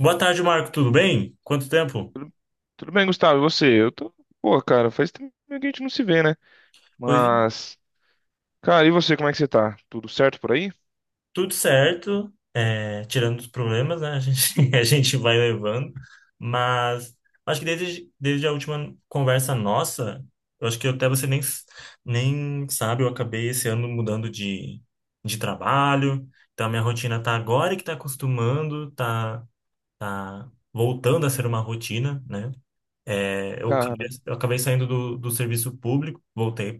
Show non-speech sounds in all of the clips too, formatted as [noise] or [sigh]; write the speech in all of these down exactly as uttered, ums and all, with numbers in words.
Boa tarde, Marco. Tudo bem? Quanto tempo? Tudo. Tudo bem, Gustavo? E você? Eu tô. Pô, cara, faz tempo que a gente não se vê, né? Pois é, Mas. Cara, e você, como é que você tá? Tudo certo por aí? tudo certo, é, tirando os problemas, né? A gente, [laughs] a gente vai levando, mas acho que desde, desde a última conversa nossa, eu acho que até você nem, s- nem sabe, eu acabei esse ano mudando de, de trabalho, então a minha rotina tá agora que tá acostumando, tá, tá voltando a ser uma rotina, né? É, eu acabei, Cara, eu acabei saindo do, do serviço público, voltei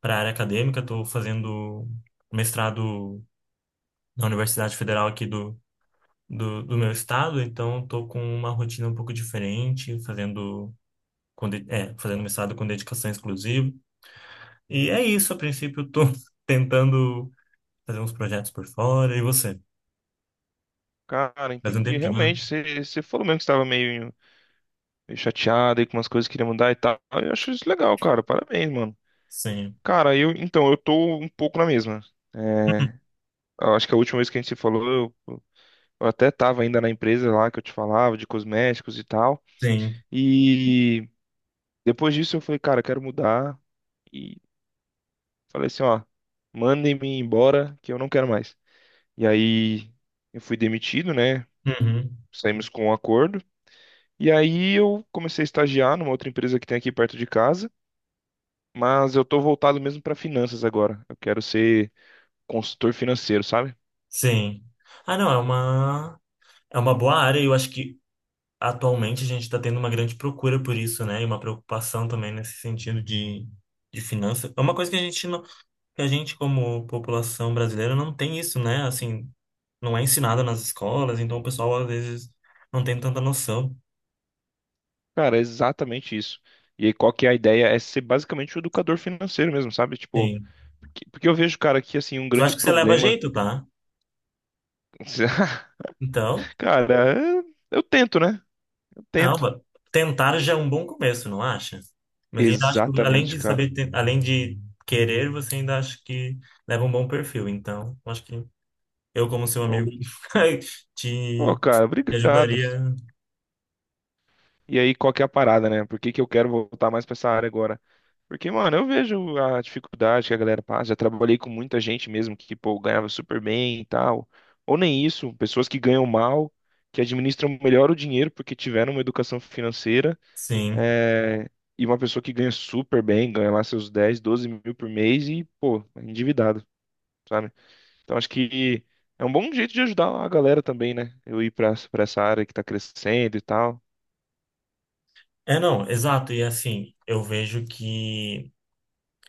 para a área acadêmica, estou fazendo mestrado na Universidade Federal aqui do, do, do meu estado, então estou com uma rotina um pouco diferente, fazendo, com de- é, fazendo mestrado com dedicação exclusiva. E é isso, a princípio estou [laughs] tentando fazer uns projetos por fora. E você? cara, Faz um entendi. tempinho, né? Realmente, você, você falou mesmo que estava meio, meio chateado aí com umas coisas que queria mudar e tal. Eu acho isso legal, cara. Parabéns, mano. Sim, Cara, eu. Então, eu tô um pouco na mesma. É, eu acho que a última vez que a gente se falou, eu, eu até tava ainda na empresa lá que eu te falava, de cosméticos e tal. sim, E depois disso eu falei, cara, eu quero mudar. Falei assim, ó, mandem-me embora que eu não quero mais. E aí eu fui demitido, né? uhum, Saímos com um acordo. E aí eu comecei a estagiar numa outra empresa que tem aqui perto de casa, mas eu tô voltado mesmo para finanças agora. Eu quero ser consultor financeiro, sabe? sim. Ah, não, é uma, é uma boa área, eu acho que atualmente a gente está tendo uma grande procura por isso, né? E uma preocupação também nesse sentido de, de finança. É uma coisa que a gente não, que a gente como população brasileira não tem isso, né? Assim, não é ensinada nas escolas, então o pessoal às vezes não tem tanta noção. Cara, é exatamente isso. E aí qual que é a ideia? É ser basicamente o educador financeiro mesmo, sabe? Tipo, Sim. porque porque eu vejo, cara, que assim, um Eu grande acho que você leva problema. jeito, tá? [laughs] Então, Cara, eu tento, né? Eu não, tento. va- tentar já é um bom começo, não acha? Mas ainda acho que além Exatamente, de cara. saber, ten- além de querer, você ainda acha que leva um bom perfil. Então, eu acho que Eu, como seu amigo, [laughs] Pô, te, cara, te obrigado. ajudaria. E aí, qual que é a parada, né? Por que que eu quero voltar mais pra essa área agora? Porque, mano, eu vejo a dificuldade que a galera passa. Já trabalhei com muita gente mesmo que, pô, ganhava super bem e tal. Ou nem isso, pessoas que ganham mal, que administram melhor o dinheiro porque tiveram uma educação financeira. Sim. é, E uma pessoa que ganha super bem, ganha lá seus dez doze mil por mês e, pô, é endividado, sabe? Então, acho que é um bom jeito de ajudar a galera também, né? Eu ir pra, pra essa área que tá crescendo e tal. É, não, exato. E assim, eu vejo que.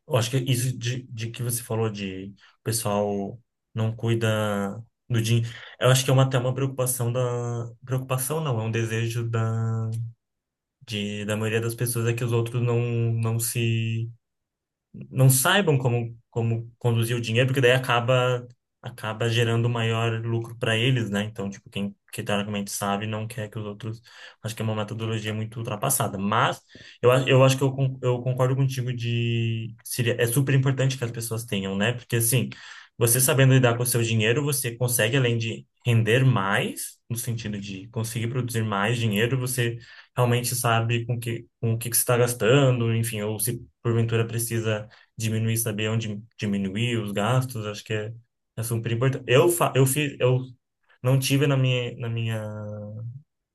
Eu acho que isso de, de que você falou de o pessoal não cuida do dinheiro. Eu acho que é uma, até uma preocupação da. Preocupação não, é um desejo da, de, da maioria das pessoas é que os outros não, não se não saibam como, como conduzir o dinheiro, porque daí acaba, acaba gerando maior lucro para eles, né? Então, tipo, quem, que teoricamente sabe não quer que os outros. Acho que é uma metodologia muito ultrapassada. Mas eu, a- eu acho que eu, con- eu concordo contigo de. Seria, é super importante que as pessoas tenham, né? Porque assim, você sabendo lidar com o seu dinheiro, você consegue, além de render mais, no sentido de conseguir produzir mais dinheiro, você realmente sabe com que, com o que, que você está gastando, enfim, ou se porventura precisa diminuir, saber onde diminuir os gastos, acho que é, é super importante. Eu, fa eu fiz, eu não tive na minha, na minha,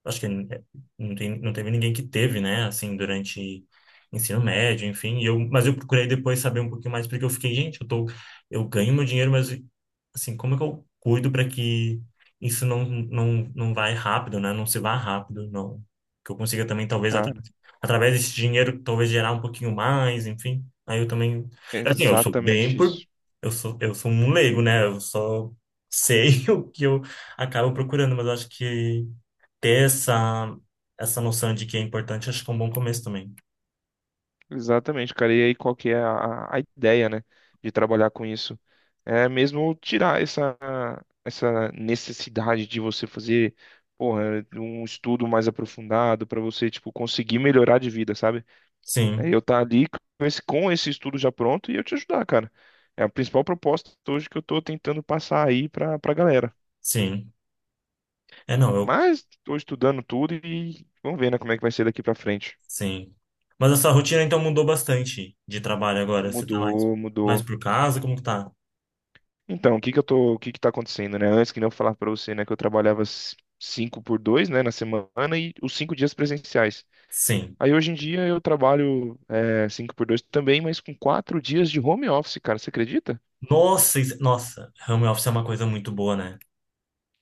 acho que eh, não tem, não teve ninguém que teve, né, assim, durante ensino médio, enfim. E eu, mas eu procurei depois saber um pouquinho mais, porque eu fiquei, gente, eu tô, eu ganho meu dinheiro, mas, assim, como é que eu cuido para que isso não, não, não vai rápido, né, não se vá rápido, não. Que eu consiga também, talvez, atra- Cara, através desse dinheiro, talvez gerar um pouquinho mais, enfim. Aí eu também, é é assim, eu sou bem exatamente por, isso. eu sou, eu sou um leigo, né, eu só sei [laughs] o que eu acabo procurando, mas eu acho que ter essa, essa, noção de que é importante, acho que é um bom começo também. Exatamente, cara. E aí, qual que é a, a ideia, né, de trabalhar com isso? É mesmo tirar essa, essa necessidade de você fazer, porra, um estudo mais aprofundado para você, tipo, conseguir melhorar de vida, sabe? É Sim, eu tá ali com esse, com esse estudo já pronto e eu te ajudar, cara. É a principal proposta hoje que eu tô tentando passar aí pra, pra galera. sim. É, não, eu, Mas tô estudando tudo e vamos ver, né, como é que vai ser daqui pra frente. sim. Mas essa rotina então mudou bastante de trabalho agora. Você tá mais, Mudou, mais mudou. por casa? Como que tá? Então, o que que eu tô, o que que tá acontecendo, né? Antes que nem eu falar pra você, né, que eu trabalhava s- cinco por dois, né, na semana e os cinco dias presenciais. Sim. Aí hoje em dia eu trabalho é, cinco por dois também, mas com quatro dias de home office, cara, você acredita? Nossa, isso- nossa, home office é uma coisa muito boa, né?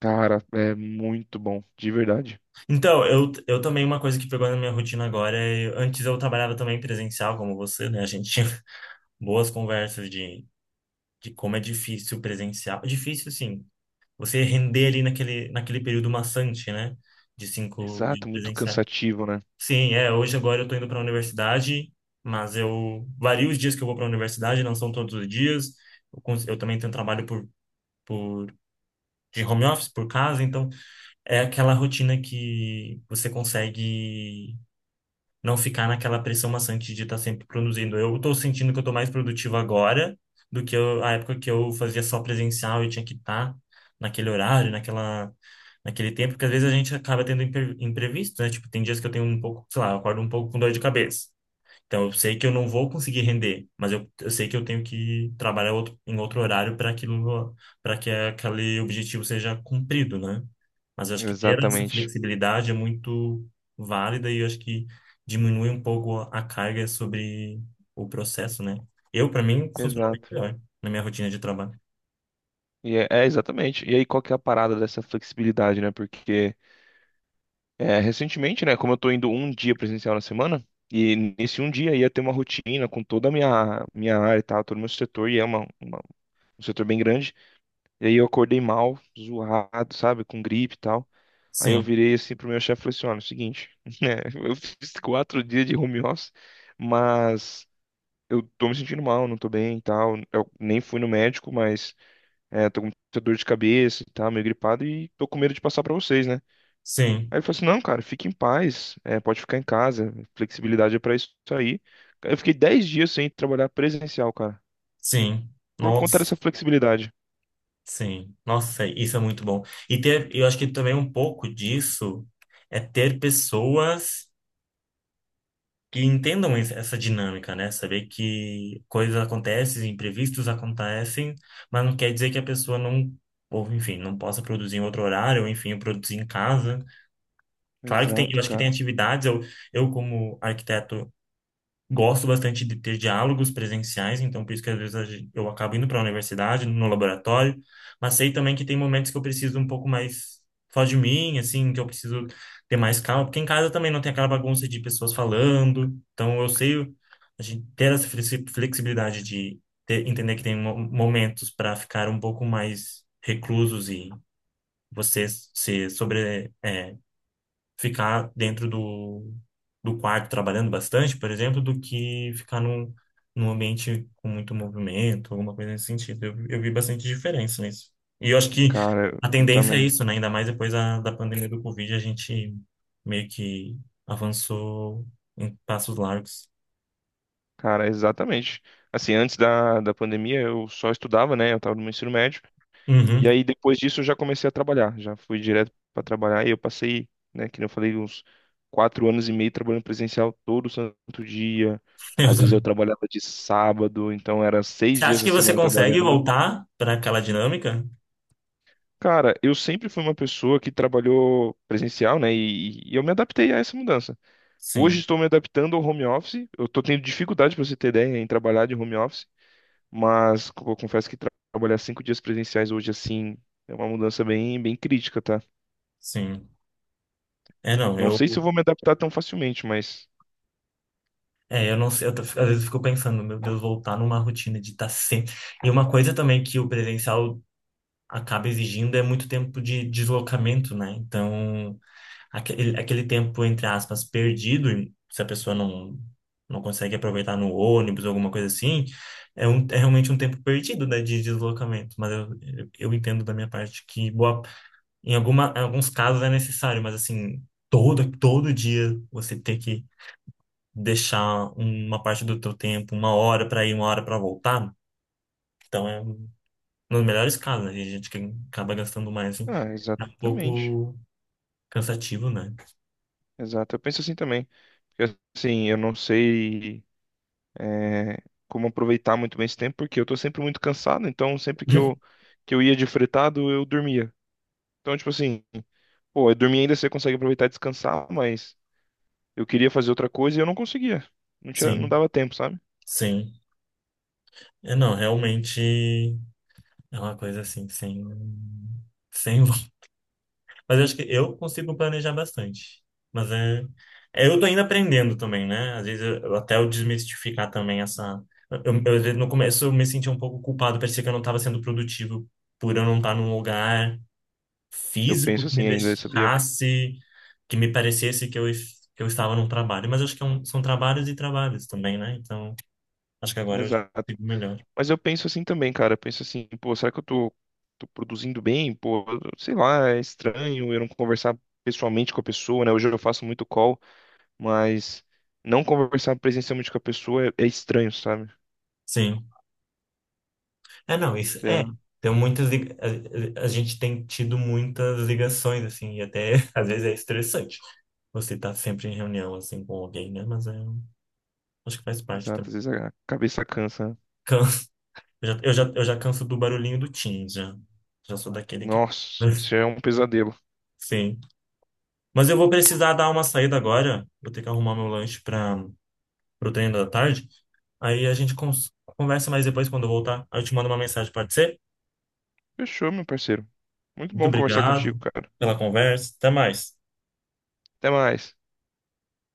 Cara, é muito bom, de verdade. Então, eu, eu também, uma coisa que pegou na minha rotina agora é. Antes eu trabalhava também presencial, como você, né? A gente tinha [laughs] boas conversas de, de como é difícil presencial. Difícil, sim. você render ali naquele, naquele período maçante, né? De cinco de Exato, muito presencial. cansativo, né? Sim, é. Hoje, agora, eu tô indo para a universidade, mas eu vario os dias que eu vou para a universidade, não são todos os dias. Eu, cons- eu também tenho trabalho por, por, de home office, por casa, então é aquela rotina que você consegue não ficar naquela pressão maçante de estar sempre produzindo. Eu estou sentindo que eu estou mais produtivo agora do que eu, a época que eu fazia só presencial e tinha que estar naquele horário, naquela, naquele tempo, porque às vezes a gente acaba tendo imper- imprevisto, né? Tipo, tem dias que eu tenho um pouco, sei lá, eu acordo um pouco com dor de cabeça. Então eu sei que eu não vou conseguir render, mas eu, eu sei que eu tenho que trabalhar outro, em outro horário para aquilo, para que aquele objetivo seja cumprido, né? Mas eu acho que ter essa Exatamente. flexibilidade é muito válida e eu acho que diminui um pouco a carga sobre o processo, né? Eu, para mim, funcionou bem Exato. melhor na minha rotina de trabalho. E é, é, exatamente. E aí, qual que é a parada dessa flexibilidade, né? Porque. É, recentemente, né, como eu tô indo um dia presencial na semana, e nesse um dia ia ter uma rotina com toda a minha, minha área e tal, todo o meu setor, e é uma, uma- um setor bem grande, e aí eu acordei mal, zoado, sabe, com gripe e tal. Aí eu Sim, virei assim pro meu chefe e falei assim, olha, é o seguinte, [laughs] né, eu fiz quatro dias de home office, mas eu tô me sentindo mal, não tô bem e tal, eu nem fui no médico, mas é, tô com muita dor de cabeça e tal, meio gripado, e tô com medo de passar pra vocês, né? sim, Aí ele falou assim, não, cara, fique em paz, é, pode ficar em casa, flexibilidade é pra isso aí. Eu fiquei dez dias sem trabalhar presencial, cara, sim. por Nossa, conta dessa flexibilidade. sim. Nossa, isso é muito bom. E ter, eu acho que também um pouco disso é ter pessoas que entendam es- essa dinâmica, né? Saber que coisas acontecem, imprevistos acontecem, mas não quer dizer que a pessoa não, ou enfim, não possa produzir em outro horário, ou enfim, produzir em casa. Claro que tem, eu Exato, acho que tem cara. atividades, eu, eu como arquiteto Gosto bastante de ter diálogos presenciais, então por isso que às vezes a gen- eu acabo indo para a universidade, no laboratório, mas sei também que tem momentos que eu preciso um pouco mais só de mim, assim, que eu preciso ter mais calma, porque em casa também não tem aquela bagunça de pessoas falando, então eu sei o- a gente ter essa flexi- flexibilidade de ter- entender que tem mo- momentos para ficar um pouco mais reclusos e você se sobre, é, ficar dentro do, do quarto trabalhando bastante, por exemplo, do que ficar num, num ambiente com muito movimento, alguma coisa nesse sentido. Eu, eu vi bastante diferença nisso. E eu acho que Cara, eu a eu tendência é também. isso, né? Ainda mais depois da, da pandemia do Covid, a gente meio que avançou em passos largos. Cara, exatamente. Assim, antes da, da pandemia eu só estudava, né? Eu tava no meu ensino médio. E Uhum. aí depois disso eu já comecei a trabalhar, já fui direto pra trabalhar e eu passei, né, que nem eu falei, uns quatro anos e meio trabalhando presencial todo santo dia. [laughs] Eu- Às vezes eu também. trabalhava de sábado, então era seis Você acha dias na que você semana consegue trabalhando. voltar para aquela dinâmica? Cara, eu sempre fui uma pessoa que trabalhou presencial, né? E, e eu me adaptei a essa mudança. Hoje Sim, estou me adaptando ao home office. Eu estou tendo dificuldade, para você ter ideia, em trabalhar de home office. Mas co- eu confesso que tra- trabalhar cinco dias presenciais hoje, assim, é uma mudança bem, bem crítica, tá? sim. É, não, Não eu sei se eu vou me adaptar tão facilmente, mas. É, eu não sei, eu tô- às vezes eu fico pensando, meu Deus, voltar numa rotina de estar sempre. E uma coisa também que o presencial acaba exigindo é muito tempo de deslocamento, né? Então, aquele, aquele tempo, entre aspas, perdido, e se a pessoa não, não consegue aproveitar no ônibus, ou alguma coisa assim, é, um, é realmente um tempo perdido, né, de deslocamento. Mas eu, eu eu entendo da minha parte que boa, em alguma, em alguns casos é necessário, mas assim, todo, todo dia você ter que deixar uma parte do teu tempo, uma hora para ir, uma hora para voltar. Então é um- nos melhores casos, né? A gente que acaba gastando mais, assim. Ah, É um exatamente. pouco cansativo, né? Exato. Eu penso assim também. Porque, assim, eu não sei. é, Como aproveitar muito bem esse tempo, porque eu tô sempre muito cansado, então sempre que eu, [laughs] que eu ia de fretado, eu dormia. Então, tipo assim, pô, eu dormia ainda você consegue aproveitar e descansar, mas eu queria fazer outra coisa e eu não conseguia. Não tinha, não Sim, dava tempo, sabe? sim. É, não, realmente é uma coisa assim, sem, sem [laughs] Mas eu acho que eu consigo planejar bastante. Mas é, é, eu tô ainda aprendendo também, né? Às vezes eu, eu até eu desmistificar também essa. Eu, eu, às vezes, no começo eu me senti um pouco culpado, parecia que eu não estava sendo produtivo por eu não estar num lugar Eu físico penso que me assim ainda, sabia? deixasse, que me parecesse que eu, es- que eu estava num trabalho. Mas eu acho que é um- são trabalhos e trabalhos também, né? Então, acho que agora eu já Exato. consigo melhor. Mas eu penso assim também, cara. Eu penso assim, pô, será que eu tô, tô produzindo bem? Pô, eu- sei lá, é estranho eu não conversar pessoalmente com a pessoa, né? Hoje eu faço muito call, mas não conversar presencialmente com a pessoa é é estranho, sabe? Sim. É, não, isso É, é. Tem muitas. li- A, a- a gente tem tido muitas ligações, assim, e até [laughs] às vezes é estressante. Você tá sempre em reunião, assim, com alguém, né? Mas é, acho que faz parte exato, também. às vezes a cabeça cansa, né? Canso. Eu já, eu já, eu já canso do barulhinho do Teams, já. Já sou daquele que. Nossa, isso [laughs] é um pesadelo. Sim. Mas eu vou precisar dar uma saída agora. Vou ter que arrumar meu lanche para o treino da tarde. Aí a gente cons- conversa mais depois quando eu voltar. Aí eu te mando uma mensagem, pode ser? Fechou, meu parceiro. Muito Muito bom conversar contigo, obrigado cara. pela conversa. Até mais. Até mais.